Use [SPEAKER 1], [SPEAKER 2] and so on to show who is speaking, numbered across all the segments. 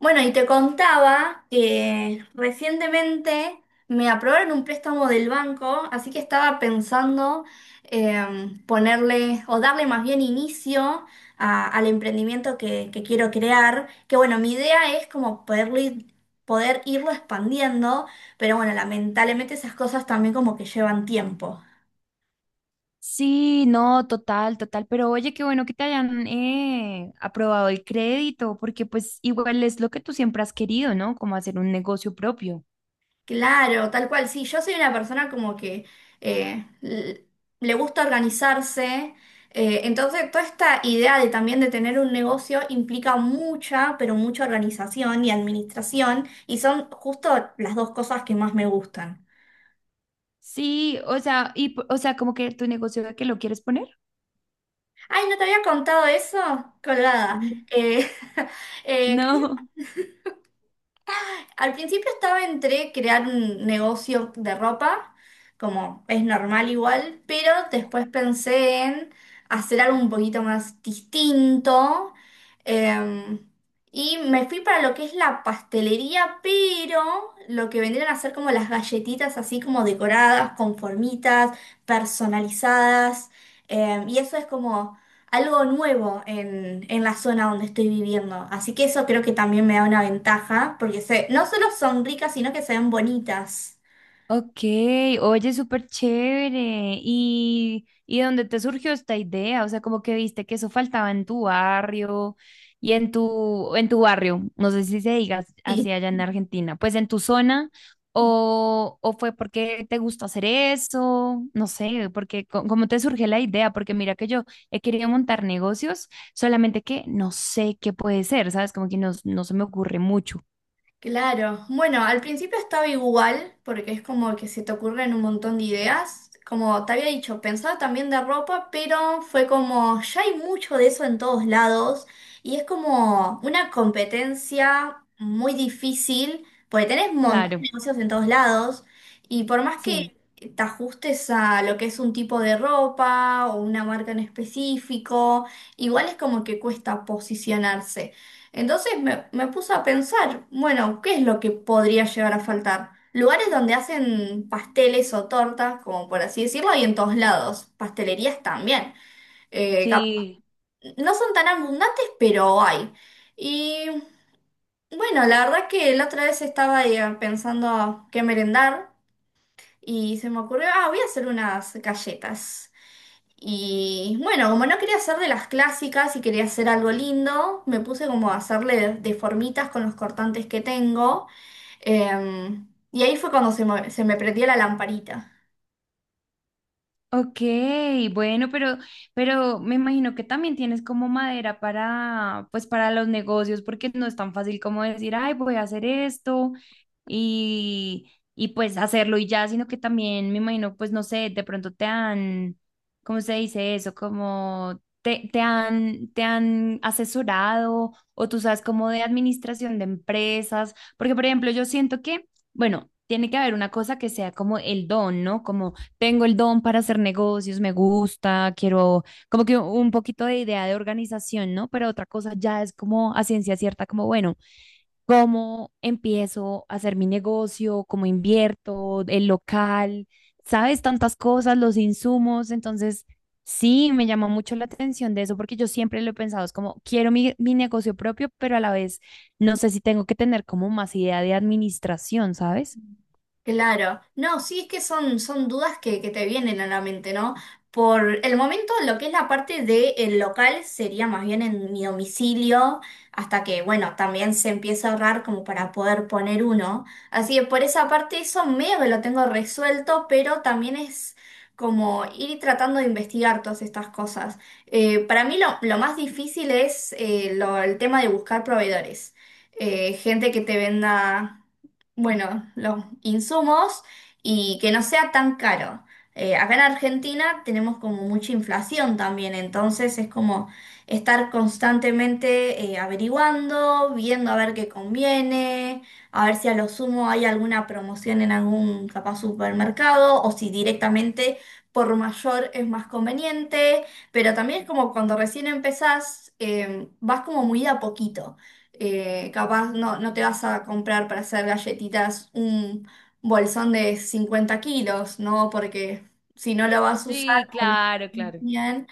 [SPEAKER 1] Bueno, y te contaba que recientemente me aprobaron un préstamo del banco, así que estaba pensando, ponerle o darle más bien inicio al emprendimiento que quiero crear, que bueno, mi idea es como poder irlo expandiendo, pero bueno, lamentablemente esas cosas también como que llevan tiempo.
[SPEAKER 2] Sí, no, total, total, pero oye, qué bueno que te hayan aprobado el crédito, porque pues igual es lo que tú siempre has querido, ¿no? Como hacer un negocio propio.
[SPEAKER 1] Claro, tal cual, sí, yo soy una persona como que eh, l- le gusta organizarse, entonces toda esta idea de también de tener un negocio implica mucha, pero mucha organización y administración, y son justo las dos cosas que más me gustan.
[SPEAKER 2] Sí, o sea, o sea, como que tu negocio de que lo quieres poner.
[SPEAKER 1] Ay, no te había contado eso, colgada.
[SPEAKER 2] Mm.
[SPEAKER 1] Eh, eh,
[SPEAKER 2] No.
[SPEAKER 1] Al principio estaba entre crear un negocio de ropa, como es normal igual, pero después pensé en hacer algo un poquito más distinto. eh, y me fui para lo que es la pastelería, pero lo que vendrían a ser como las galletitas así como decoradas, con formitas, personalizadas. Y eso es como algo nuevo en la zona donde estoy viviendo. Así que eso creo que también me da una ventaja, porque se, no solo son ricas, sino que se ven bonitas.
[SPEAKER 2] Ok, oye, súper chévere. Y dónde te surgió esta idea? O sea, como que viste que eso faltaba en tu barrio y en tu barrio, no sé si se diga así allá en Argentina, pues en tu zona, o fue porque te gustó hacer eso, no sé, porque cómo te surgió la idea, porque mira que yo he querido montar negocios, solamente que no sé qué puede ser, ¿sabes? Como que no, no se me ocurre mucho.
[SPEAKER 1] Claro, bueno, al principio estaba igual, porque es como que se te ocurren un montón de ideas. Como te había dicho, pensaba también de ropa, pero fue como, ya hay mucho de eso en todos lados, y es como una competencia muy difícil, porque tenés un montón
[SPEAKER 2] Claro,
[SPEAKER 1] de negocios en todos lados, y por más
[SPEAKER 2] sí.
[SPEAKER 1] que te ajustes a lo que es un tipo de ropa o una marca en específico, igual es como que cuesta posicionarse. Entonces me puse a pensar, bueno, ¿qué es lo que podría llegar a faltar? Lugares donde hacen pasteles o tortas, como por así decirlo, hay en todos lados. Pastelerías también. Eh, cap-
[SPEAKER 2] Sí,
[SPEAKER 1] no son tan abundantes, pero hay. Y bueno, la verdad que la otra vez estaba, pensando qué merendar y se me ocurrió, ah, voy a hacer unas galletas. Y bueno, como no quería hacer de las clásicas y quería hacer algo lindo, me puse como a hacerle de con los cortantes que tengo. Y ahí fue cuando se me prendió la lamparita.
[SPEAKER 2] ok, bueno, pero me imagino que también tienes como madera para, pues para los negocios, porque no es tan fácil como decir, ay, voy a hacer esto y pues hacerlo y ya, sino que también me imagino, pues no sé, de pronto te han, ¿cómo se dice eso? Como te, te han asesorado o tú sabes como de administración de empresas, porque por ejemplo, yo siento que, bueno, tiene que haber una cosa que sea como el don, ¿no? Como tengo el don para hacer negocios, me gusta, quiero como que un poquito de idea de organización, ¿no? Pero otra cosa ya es como a ciencia cierta, como bueno, ¿cómo empiezo a hacer mi negocio? ¿Cómo invierto? ¿El local? ¿Sabes? Tantas cosas, los insumos. Entonces, sí, me llamó mucho la atención de eso porque yo siempre lo he pensado, es como quiero mi, mi negocio propio, pero a la vez no sé si tengo que tener como más idea de administración, ¿sabes?
[SPEAKER 1] Claro, no, sí es que son dudas que te vienen a la mente, ¿no? Por el momento lo que es la parte del local sería más bien en mi domicilio, hasta que, bueno, también se empieza a ahorrar como para poder poner uno. Así que por esa parte eso medio que lo tengo resuelto, pero también es como ir tratando de investigar todas estas cosas. Para mí lo más difícil es el tema de buscar proveedores. Gente que te venda. Bueno, los insumos, y que no sea tan caro. Acá en Argentina tenemos como mucha inflación también, entonces es como estar constantemente, averiguando, viendo a ver qué conviene, a ver si a lo sumo hay alguna promoción en algún capaz supermercado o si directamente por mayor es más conveniente, pero también es como cuando recién empezás, vas como muy de a poquito. Capaz no te vas a comprar para hacer galletitas un bolsón de 50 kilos, ¿no? Porque si no lo vas a usar
[SPEAKER 2] Sí,
[SPEAKER 1] o no
[SPEAKER 2] claro, claro.
[SPEAKER 1] bien,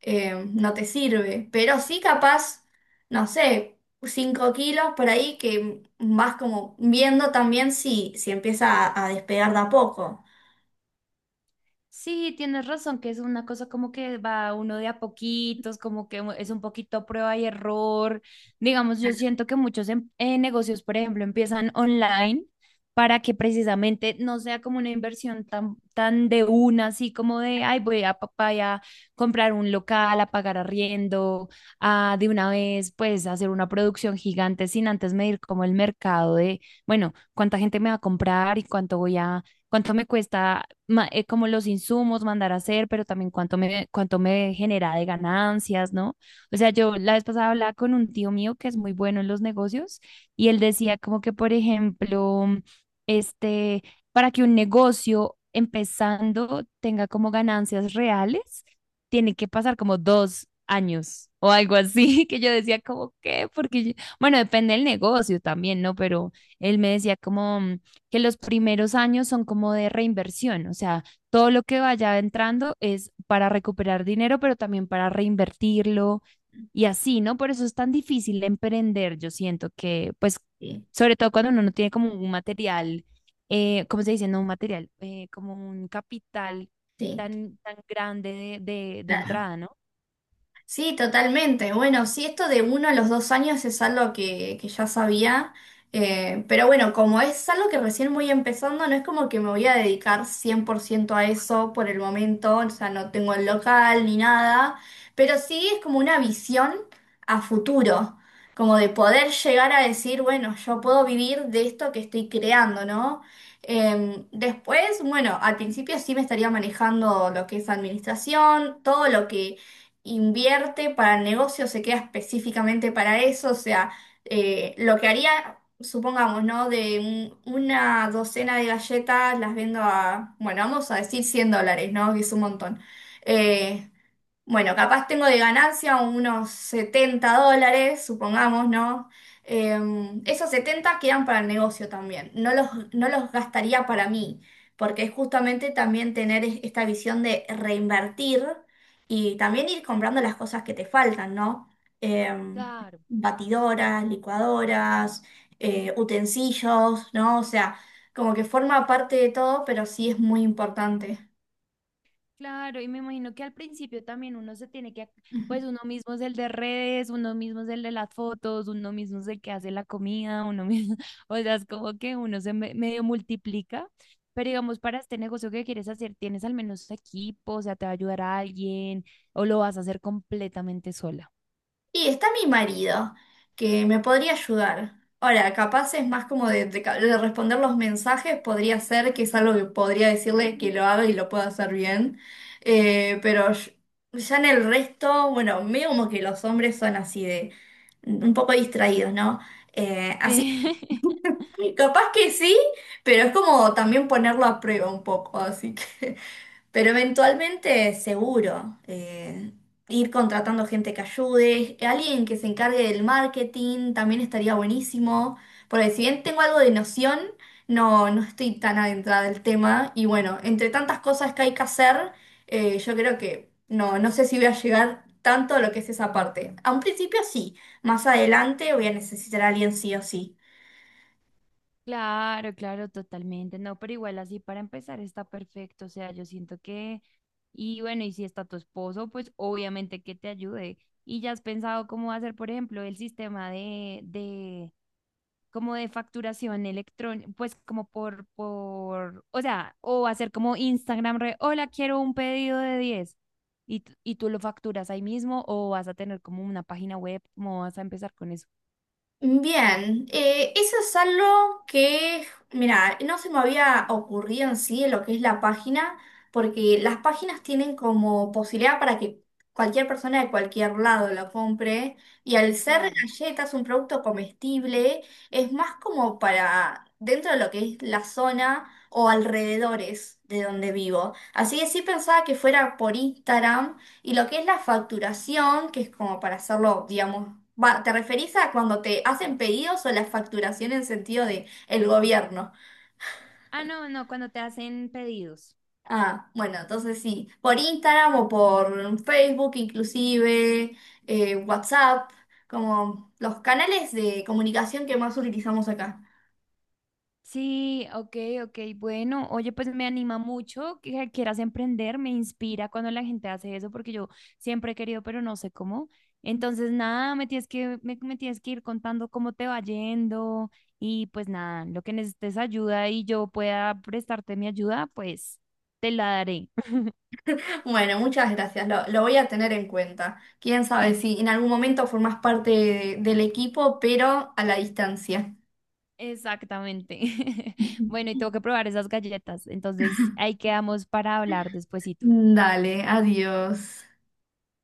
[SPEAKER 1] no te sirve. Pero sí capaz, no sé, 5 kilos por ahí que vas como viendo también si, si empieza a despegar de a poco.
[SPEAKER 2] Sí, tienes razón, que es una cosa como que va uno de a poquitos, como que es un poquito prueba y error. Digamos, yo siento que muchos negocios, por ejemplo, empiezan online para que precisamente no sea como una inversión tan, tan de una, así como de, ay, voy a papá a comprar un local, a pagar arriendo, a de una vez, pues, hacer una producción gigante sin antes medir como el mercado de, bueno, cuánta gente me va a comprar y cuánto voy a cuánto me cuesta como los insumos mandar a hacer, pero también cuánto me genera de ganancias, ¿no? O sea, yo la vez pasada hablaba con un tío mío que es muy bueno en los negocios y él decía como que, por ejemplo, este, para que un negocio empezando tenga como ganancias reales, tiene que pasar como 2 años o algo así, que yo decía como que, porque, bueno, depende del negocio también, ¿no? Pero él me decía como que los primeros años son como de reinversión, o sea, todo lo que vaya entrando es para recuperar dinero, pero también para reinvertirlo y así, ¿no? Por eso es tan difícil emprender, yo siento que, pues,
[SPEAKER 1] Sí,
[SPEAKER 2] sobre todo cuando uno no tiene como un material, ¿cómo se dice? No un material, como un capital
[SPEAKER 1] sí.
[SPEAKER 2] tan, tan grande de
[SPEAKER 1] La-
[SPEAKER 2] entrada, ¿no?
[SPEAKER 1] Sí, totalmente. Bueno, sí, esto de uno a los 2 años es algo que ya sabía, pero bueno, como es algo que recién voy empezando, no es como que me voy a dedicar 100% a eso por el momento, o sea, no tengo el local ni nada, pero sí es como una visión a futuro, como de poder llegar a decir, bueno, yo puedo vivir de esto que estoy creando, ¿no? Em, después, bueno, al principio sí me estaría manejando lo que es administración, todo lo que invierte para el negocio, se queda específicamente para eso, o sea, lo que haría, supongamos, ¿no? Una docena de galletas las vendo a, bueno, vamos a decir $100, ¿no? Que es un montón. Eh, bueno, capaz tengo de ganancia unos $70, supongamos, ¿no? Eh, Esos 70 quedan para el negocio también. No los gastaría para mí, porque es justamente también tener esta visión de reinvertir y también ir comprando las cosas que te faltan, ¿no? Eh,
[SPEAKER 2] Claro.
[SPEAKER 1] Batidoras, licuadoras, utensilios, ¿no? O sea, como que forma parte de todo, pero sí es muy importante.
[SPEAKER 2] Claro, y me imagino que al principio también uno se tiene que, pues uno mismo es el de redes, uno mismo es el de las fotos, uno mismo es el que hace la comida, uno mismo, o sea, es como que uno medio multiplica, pero digamos, para este negocio que quieres hacer, ¿tienes al menos equipo? O sea, ¿te va a ayudar a alguien o lo vas a hacer completamente sola?
[SPEAKER 1] Y está mi marido, que me podría ayudar. Ahora, capaz es más como de responder los mensajes, podría ser que es algo que podría decirle que lo haga y lo pueda hacer bien. Eh, pero yo- ya en el resto, bueno, medio como que los hombres son así de un poco distraídos, ¿no? Así
[SPEAKER 2] Sí.
[SPEAKER 1] que capaz que sí, pero es como también ponerlo a prueba un poco, así que... Pero eventualmente, seguro, ir contratando gente que ayude, alguien que se encargue del marketing también estaría buenísimo, porque si bien tengo algo de noción, no estoy tan adentrada del tema y bueno, entre tantas cosas que hay que hacer, yo creo que no sé si voy a llegar tanto a lo que es esa parte. A un principio sí, más adelante voy a necesitar a alguien sí o sí.
[SPEAKER 2] Claro, claro, totalmente. No, pero igual así para empezar está perfecto. O sea, yo siento que, y bueno, y si está tu esposo, pues obviamente que te ayude. Y ya has pensado cómo hacer, por ejemplo, el sistema de, como de facturación electrónica, pues como por, o sea, o hacer como Instagram, re, hola, quiero un pedido de 10 y, y tú lo facturas ahí mismo o vas a tener como una página web, ¿cómo vas a empezar con eso?
[SPEAKER 1] Bien, eso es algo que, mira, no se me había ocurrido en sí en lo que es la página, porque las páginas tienen como posibilidad para que cualquier persona de cualquier lado lo compre, y al ser
[SPEAKER 2] Claro.
[SPEAKER 1] galletas, un producto comestible, es más como para dentro de lo que es la zona o alrededores de donde vivo. Así que sí pensaba que fuera por Instagram, y lo que es la facturación, que es como para hacerlo, digamos, va, ¿te referís a cuando te hacen pedidos o la facturación en sentido de el gobierno?
[SPEAKER 2] Ah, no, no, cuando te hacen pedidos.
[SPEAKER 1] Ah, bueno, entonces sí, por Instagram o por Facebook inclusive, WhatsApp, como los canales de comunicación que más utilizamos acá.
[SPEAKER 2] Sí, ok, ok, bueno, oye, pues me anima mucho que quieras emprender, me inspira cuando la gente hace eso, porque yo siempre he querido, pero no sé cómo. Entonces, nada, me tienes que, me tienes que ir contando cómo te va yendo y pues nada, lo que necesites ayuda y yo pueda prestarte mi ayuda, pues te la daré.
[SPEAKER 1] Bueno, muchas gracias, lo voy a tener en cuenta. Quién sabe si en algún momento formás parte del equipo, pero a la distancia.
[SPEAKER 2] Exactamente. Bueno, y tengo que probar esas galletas, entonces ahí quedamos para hablar después.
[SPEAKER 1] Dale, adiós.